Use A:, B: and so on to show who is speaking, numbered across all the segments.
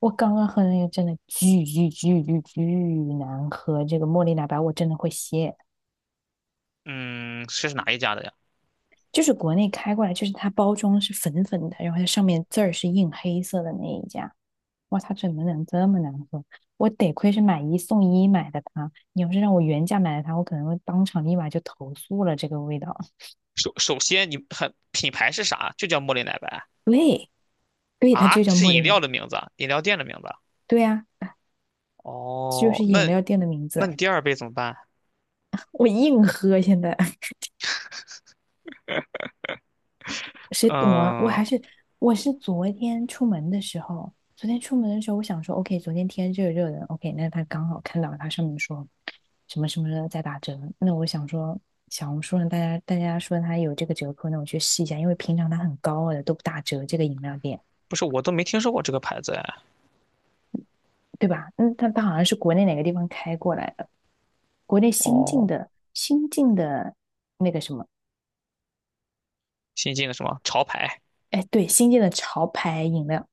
A: 我刚刚喝的那个真的巨巨巨巨巨难喝，这个茉莉奶白我真的会谢。
B: 嗯，这是哪一家的呀？
A: 就是国内开过来，就是它包装是粉粉的，然后它上面字儿是印黑色的那一家。哇，它怎么能这么难喝？我得亏是买一送一买的它，你要是让我原价买的它，我可能会当场立马就投诉了这个味道。
B: 首先，你很品牌是啥？就叫茉莉奶白。
A: 对，对，它
B: 啊？
A: 就叫
B: 这是
A: 茉
B: 饮
A: 莉奶
B: 料的
A: 白。
B: 名字啊，饮料店的名字啊。
A: 对呀、啊，就
B: 哦，
A: 是
B: 那
A: 饮料店的名
B: 那
A: 字。
B: 你第二杯怎么办？
A: 我硬喝现在。谁懂啊？
B: 嗯，
A: 我是昨天出门的时候，我想说，OK，昨天天热热的，OK，那他刚好看到他上面说什么什么的在打折，那我想说，小红书上大家说他有这个折扣，那我去试一下，因为平常他很高傲的都不打折，这个饮料店，
B: 不是，我都没听说过这个牌子哎。
A: 对吧？嗯，他好像是国内哪个地方开过来的，国内
B: 哦，
A: 新进的那个什么，
B: 新进的什么潮牌，
A: 哎，对，新进的潮牌饮料，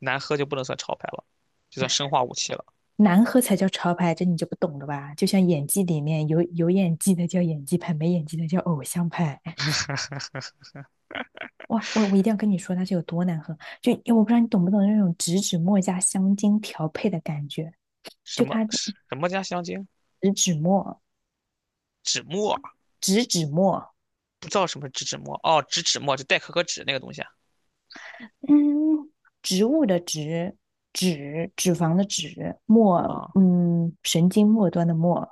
B: 难喝就不能算潮牌了，就算生化武器了。
A: 难喝才叫潮牌，这你就不懂了吧？就像演技里面有演技的叫演技派，没演技的叫偶像派。哇，我一定要跟你说它是有多难喝，就我不知道你懂不懂那种植脂末加香精调配的感觉，
B: 什
A: 就
B: 么
A: 它
B: 什么加香精？
A: 植脂末，
B: 纸墨？
A: 植脂末，
B: 不知道什么是纸墨？哦，纸墨就代可可脂那个东西啊。
A: 嗯，植物的植，脂脂肪的脂，末，
B: 啊
A: 嗯，神经末端的末，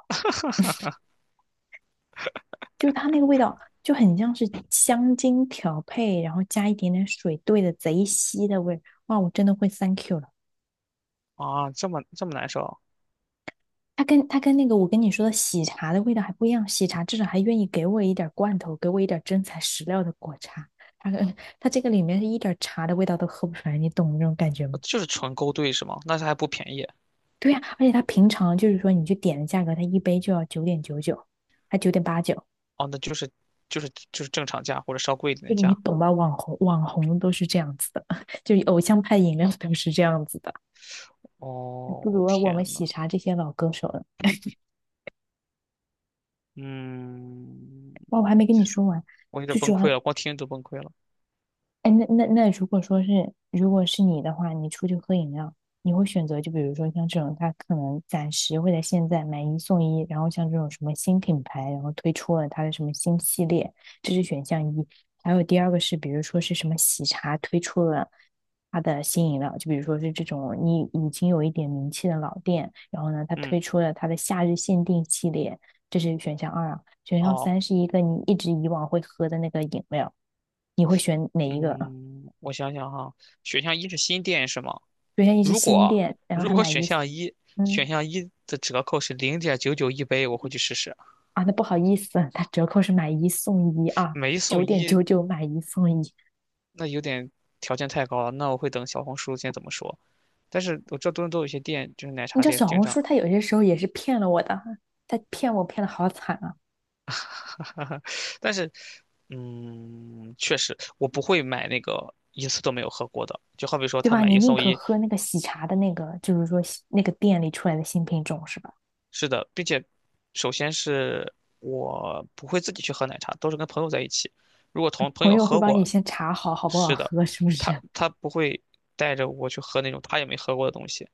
A: 就是它那个味道就很像是香精调配，然后加一点点水兑的贼稀的味儿，哇，我真的会 thank you 了。
B: 啊，这么这么难受。
A: 它跟那个我跟你说的喜茶的味道还不一样，喜茶至少还愿意给我一点罐头，给我一点真材实料的果茶。它它这个里面是一点茶的味道都喝不出来，你懂那种感觉
B: 呃
A: 吗？
B: 就是纯勾兑是吗？那它还不便宜。
A: 对呀、而且它平常就是说你去点的价格，它一杯就要九点九九，还8.89，
B: 哦，那就是就是正常价或者稍贵一点的
A: 就你
B: 价。
A: 懂吧？网红都是这样子的，就偶像派饮料都是这样子的。不
B: 哦，
A: 如
B: 天
A: 我们喜
B: 呐，
A: 茶这些老歌手了。
B: 嗯，
A: 哇，我还没跟你说完，
B: 我有点
A: 最
B: 崩
A: 主
B: 溃
A: 要
B: 了，光听都崩溃了。
A: 哎，那，如果说是如果是你的话，你出去喝饮料，你会选择就比如说像这种，它可能暂时会在现在买一送一，然后像这种什么新品牌，然后推出了它的什么新系列，这是选项一。还有第二个是，比如说是什么喜茶推出了它的新饮料，就比如说是这种你已经有一点名气的老店，然后呢，它
B: 嗯，
A: 推出了它的夏日限定系列，这是选项二啊。选项
B: 哦，
A: 三是一个你一直以往会喝的那个饮料，你会选哪一个？
B: 嗯，我想想哈，选项一是新店是吗？
A: 刘天一是
B: 如
A: 新
B: 果
A: 店，然后
B: 如
A: 他
B: 果
A: 买
B: 选
A: 一，
B: 项一选
A: 嗯
B: 项一的折扣是零点九九一杯，我会去试试。
A: 啊，那不好意思，他折扣是买一送一啊，
B: 买一送
A: 九点
B: 一，
A: 九九买一送一。
B: 那有点条件太高了，那我会等小红书先怎么说。但是我这道多伦多有些店，就是奶
A: 你
B: 茶
A: 知道
B: 店，
A: 小
B: 经
A: 红
B: 常
A: 书他有些时候也是骗了我的，他骗我骗的好惨啊，
B: 但是，嗯，确实，我不会买那个一次都没有喝过的。就好比说，
A: 对
B: 他
A: 吧？
B: 买
A: 你
B: 一
A: 宁
B: 送
A: 可
B: 一，
A: 喝那个喜茶的那个，就是说那个店里出来的新品种是吧？
B: 是的，并且，首先是我不会自己去喝奶茶，都是跟朋友在一起。如果同朋
A: 朋
B: 友
A: 友会
B: 喝
A: 帮你
B: 过，
A: 先查好好不好
B: 是的，
A: 喝，是不
B: 他
A: 是？
B: 他不会带着我去喝那种他也没喝过的东西，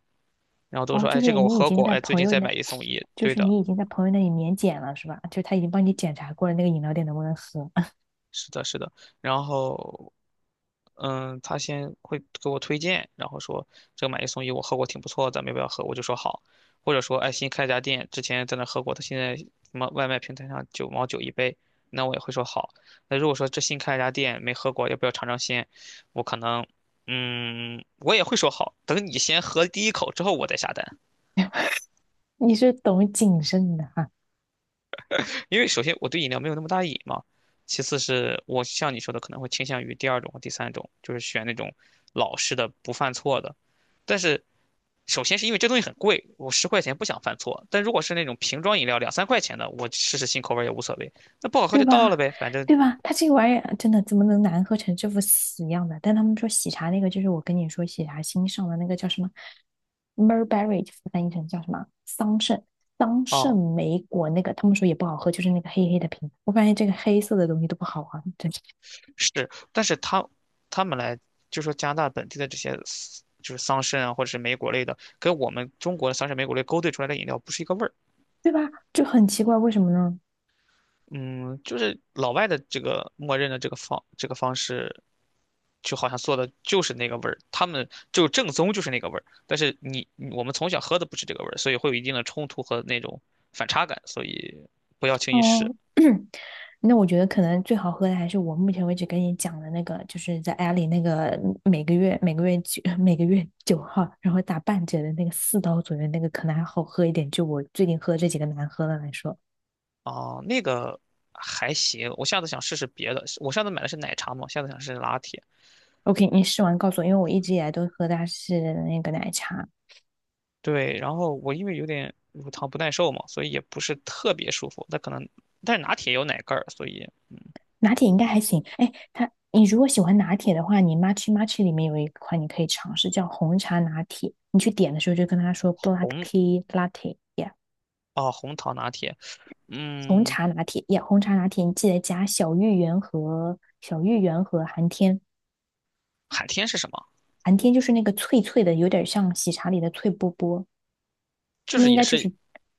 B: 然后 都
A: 哦，
B: 说，
A: 就
B: 哎，这
A: 是
B: 个我
A: 你已
B: 喝
A: 经
B: 过，
A: 在
B: 哎，最
A: 朋
B: 近
A: 友
B: 再
A: 那，
B: 买一送一，
A: 就
B: 对
A: 是
B: 的，
A: 你已经在朋友那里免检了是吧？就他已经帮你检查过了那个饮料店能不能喝，
B: 是的，是的。然后，嗯，他先会给我推荐，然后说这个买一送一我喝过挺不错的，咱们要不要喝？我就说好，或者说哎新开一家店，之前在那喝过，他现在什么外卖平台上九毛九一杯，那我也会说好。那如果说这新开一家店没喝过，要不要尝尝鲜？我可能，嗯，我也会说好，等你先喝第一口之后我再下单。
A: 你是懂谨慎的哈啊。
B: 因为首先我对饮料没有那么大瘾嘛，其次是我像你说的可能会倾向于第二种和第三种，就是选那种老式的不犯错的。但是首先是因为这东西很贵，我十块钱不想犯错。但如果是那种瓶装饮料两三块钱的，我试试新口味也无所谓，那不好喝
A: 对
B: 就倒了
A: 吧？
B: 呗，反正
A: 对吧？它这个玩意儿真的怎么能难喝成这副死样的？但他们说喜茶那个，就是我跟你说喜茶新上的那个叫什么 m e r b e r r y 翻译成叫什么桑葚
B: 哦
A: 莓果那个，他们说也不好喝，就是那个黑黑的瓶。我发现这个黑色的东西都不好喝，真是
B: 是。但是他们来就说加拿大本地的这些就是桑葚啊或者是莓果类的，跟我们中国的桑葚莓果类勾兑出来的饮料不是一个味儿。
A: 对吧？就很奇怪，为什么呢？
B: 嗯，就是老外的这个默认的这个这个方式，就好像做的就是那个味儿，他们就正宗就是那个味儿。但是我们从小喝的不是这个味儿，所以会有一定的冲突和那种反差感，所以不要轻易试。
A: 哦，那我觉得可能最好喝的还是我目前为止跟你讲的那个，就是在阿里那个每个月九 每个月9号，然后打半折的那个4刀左右那个，可能还好喝一点。就我最近喝这几个难喝的来说
B: 啊、那个还行，我下次想试试别的。我上次买的是奶茶嘛，下次想试试拿铁。
A: ，OK，你试完告诉我，因为我一直以来都喝的是那个奶茶，
B: 对，然后我因为有点乳糖不耐受嘛，所以也不是特别舒服。那可能，但是拿铁有奶盖儿，所以
A: 拿铁应该还行。哎，它你如果喜欢拿铁的话，你 Matcha 里面有一款你可以尝试叫红茶拿铁，你去点的时候就跟他说 Black
B: 红
A: Tea Latte。a
B: 红糖拿铁，
A: 红
B: 嗯。
A: 茶拿铁呀，红茶拿铁，你记得加小芋圆和寒天，
B: 海天是什么？
A: 寒天就是那个脆脆的，有点像喜茶里的脆波波，
B: 就
A: 它们
B: 是
A: 应
B: 也
A: 该就
B: 是
A: 是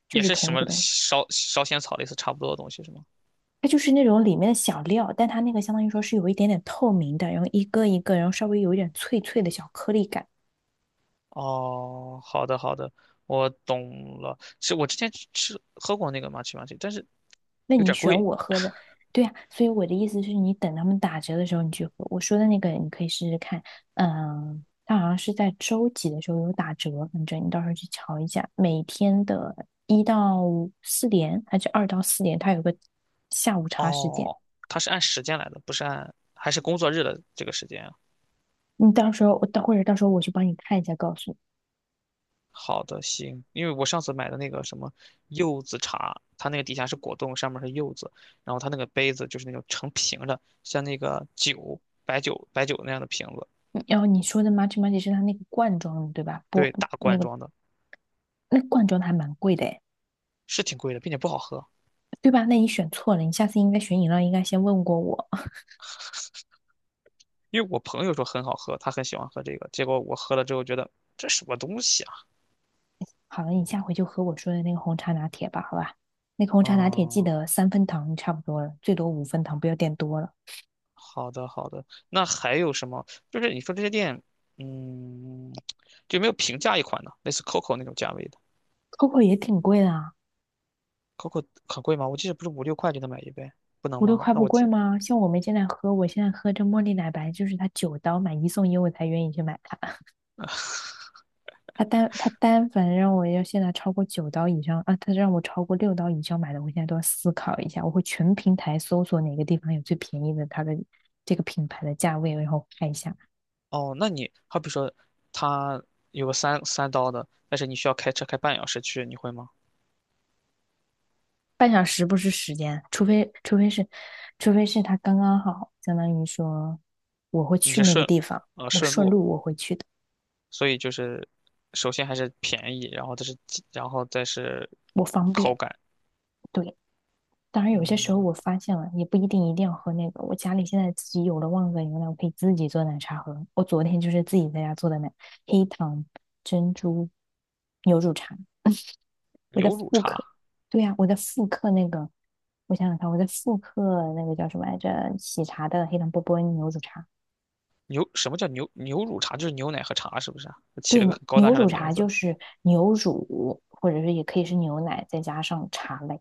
B: 也是
A: 同
B: 什
A: 一个
B: 么
A: 东西。
B: 烧仙草类似差不多的东西是吗？
A: 它就是那种里面的小料，但它那个相当于说是有一点点透明的，然后一个一个，然后稍微有一点脆脆的小颗粒感。
B: 哦，好的好的，我懂了。是我之前喝过那个麻糬，但是
A: 那
B: 有
A: 你
B: 点
A: 选
B: 贵。
A: 我喝的，对呀、啊所以我的意思是你等他们打折的时候你去喝。我说的那个你可以试试看，嗯，它好像是在周几的时候有打折，反正你到时候去瞧一下。每天的1到4点还是2到4点，它有个下午茶时间。
B: 哦，它是按时间来的，不是按还是工作日的这个时间啊
A: 你到时候我到或者到时候我去帮你看一下，告诉你。
B: 好的，行，因为我上次买的那个什么柚子茶，它那个底下是果冻，上面是柚子，然后它那个杯子就是那种成瓶的，像那个酒白酒那样的瓶子，
A: 然后你说的 m u c h m u c h 是它那个罐装的对吧？不，
B: 对，大
A: 那
B: 罐
A: 个
B: 装的。
A: 那罐装的还蛮贵的诶，
B: 是挺贵的，并且不好喝。
A: 对吧？那你选错了，你下次应该选饮料应该先问过我。
B: 因为我朋友说很好喝，他很喜欢喝这个，结果我喝了之后觉得这什么东西啊？
A: 好了，你下回就喝我说的那个红茶拿铁吧，好吧？那个红茶拿铁记
B: 嗯，
A: 得3分糖差不多了，最多5分糖，不要点多了。
B: 好的好的。那还有什么？就是你说这些店，嗯，就有没有平价一款的，类似 COCO 那种价位的
A: Coco 也挺贵的啊，
B: ？COCO 很贵吗？我记得不是五六块就能买一杯，不能
A: 五六
B: 吗？
A: 块
B: 那
A: 不
B: 我
A: 贵
B: 记
A: 吗？像我们现在喝，我现在喝这茉莉奶白，就是它九刀买一送一，我才愿意去买它。它单反让我要现在超过九刀以上啊，它让我超过6刀以上买的，我现在都要思考一下，我会全平台搜索哪个地方有最便宜的它的这个品牌的价位，然后看一下。
B: 哦，那你好比说他有个三刀的，但是你需要开车开半小时去，你会吗？
A: 半小时不是时间，除非是他刚刚好，相当于说我会
B: 你是
A: 去那个
B: 顺
A: 地方，我
B: 顺
A: 顺
B: 路
A: 路我会去的，
B: 所以就是首先还是便宜，然后它是鸡然后再是
A: 我方
B: 口
A: 便。
B: 感，
A: 对，当然有些时候
B: 嗯，
A: 我发现了，也不一定一定要喝那个。我家里现在自己有了旺仔牛奶，我可以自己做奶茶喝。我昨天就是自己在家做的奶，黑糖珍珠牛乳茶。我在
B: 牛乳
A: 复
B: 茶，
A: 刻，对呀、我在复刻那个，我想想看，我在复刻那个叫什么来着？喜茶的黑糖波波牛乳茶。
B: 牛什么叫牛乳茶？就是牛奶和茶，是不是啊？它起
A: 对，
B: 了个很高大
A: 牛
B: 上的
A: 乳
B: 名
A: 茶
B: 字
A: 就是牛乳，或者是也可以是牛奶，再加上茶类。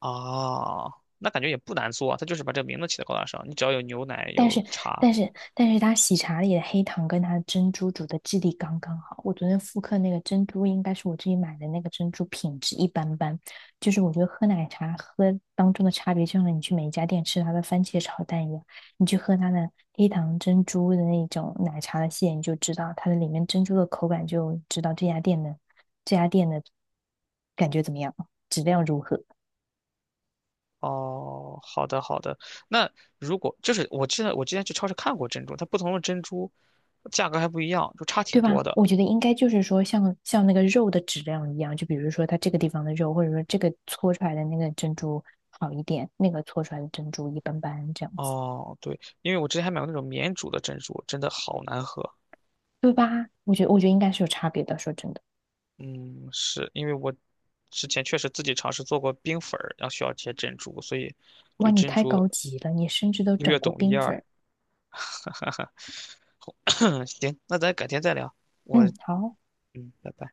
B: 啊，那感觉也不难做啊，它就是把这个名字起的高大上，你只要有牛奶
A: 但
B: 有
A: 是，
B: 茶。
A: 但是它喜茶里的黑糖跟它的珍珠煮的质地刚刚好。我昨天复刻那个珍珠，应该是我自己买的那个珍珠，品质一般般。就是我觉得喝奶茶喝当中的差别，就像你去每一家店吃它的番茄炒蛋一样，你去喝它的黑糖珍珠的那种奶茶的馅，你就知道它的里面珍珠的口感，就知道这家店的感觉怎么样，质量如何。
B: 哦，好的好的，那如果就是我记得我之前去超市看过珍珠，它不同的珍珠价格还不一样，就差挺
A: 对
B: 多
A: 吧？
B: 的。
A: 我觉得应该就是说像那个肉的质量一样，就比如说它这个地方的肉，或者说这个搓出来的那个珍珠好一点，那个搓出来的珍珠一般般，这样子，
B: 哦，对，因为我之前还买过那种免煮的珍珠，真的好难喝。
A: 对吧？我觉得应该是有差别的。说真的，
B: 嗯，是因为我之前确实自己尝试做过冰粉儿，然后需要切珍珠，所以对
A: 哇，你
B: 珍
A: 太
B: 珠
A: 高级了，你甚至都整
B: 略
A: 过
B: 懂一
A: 冰粉
B: 二。
A: 儿
B: 行，那咱改天再聊。我
A: 嗯，好。
B: 嗯，拜拜。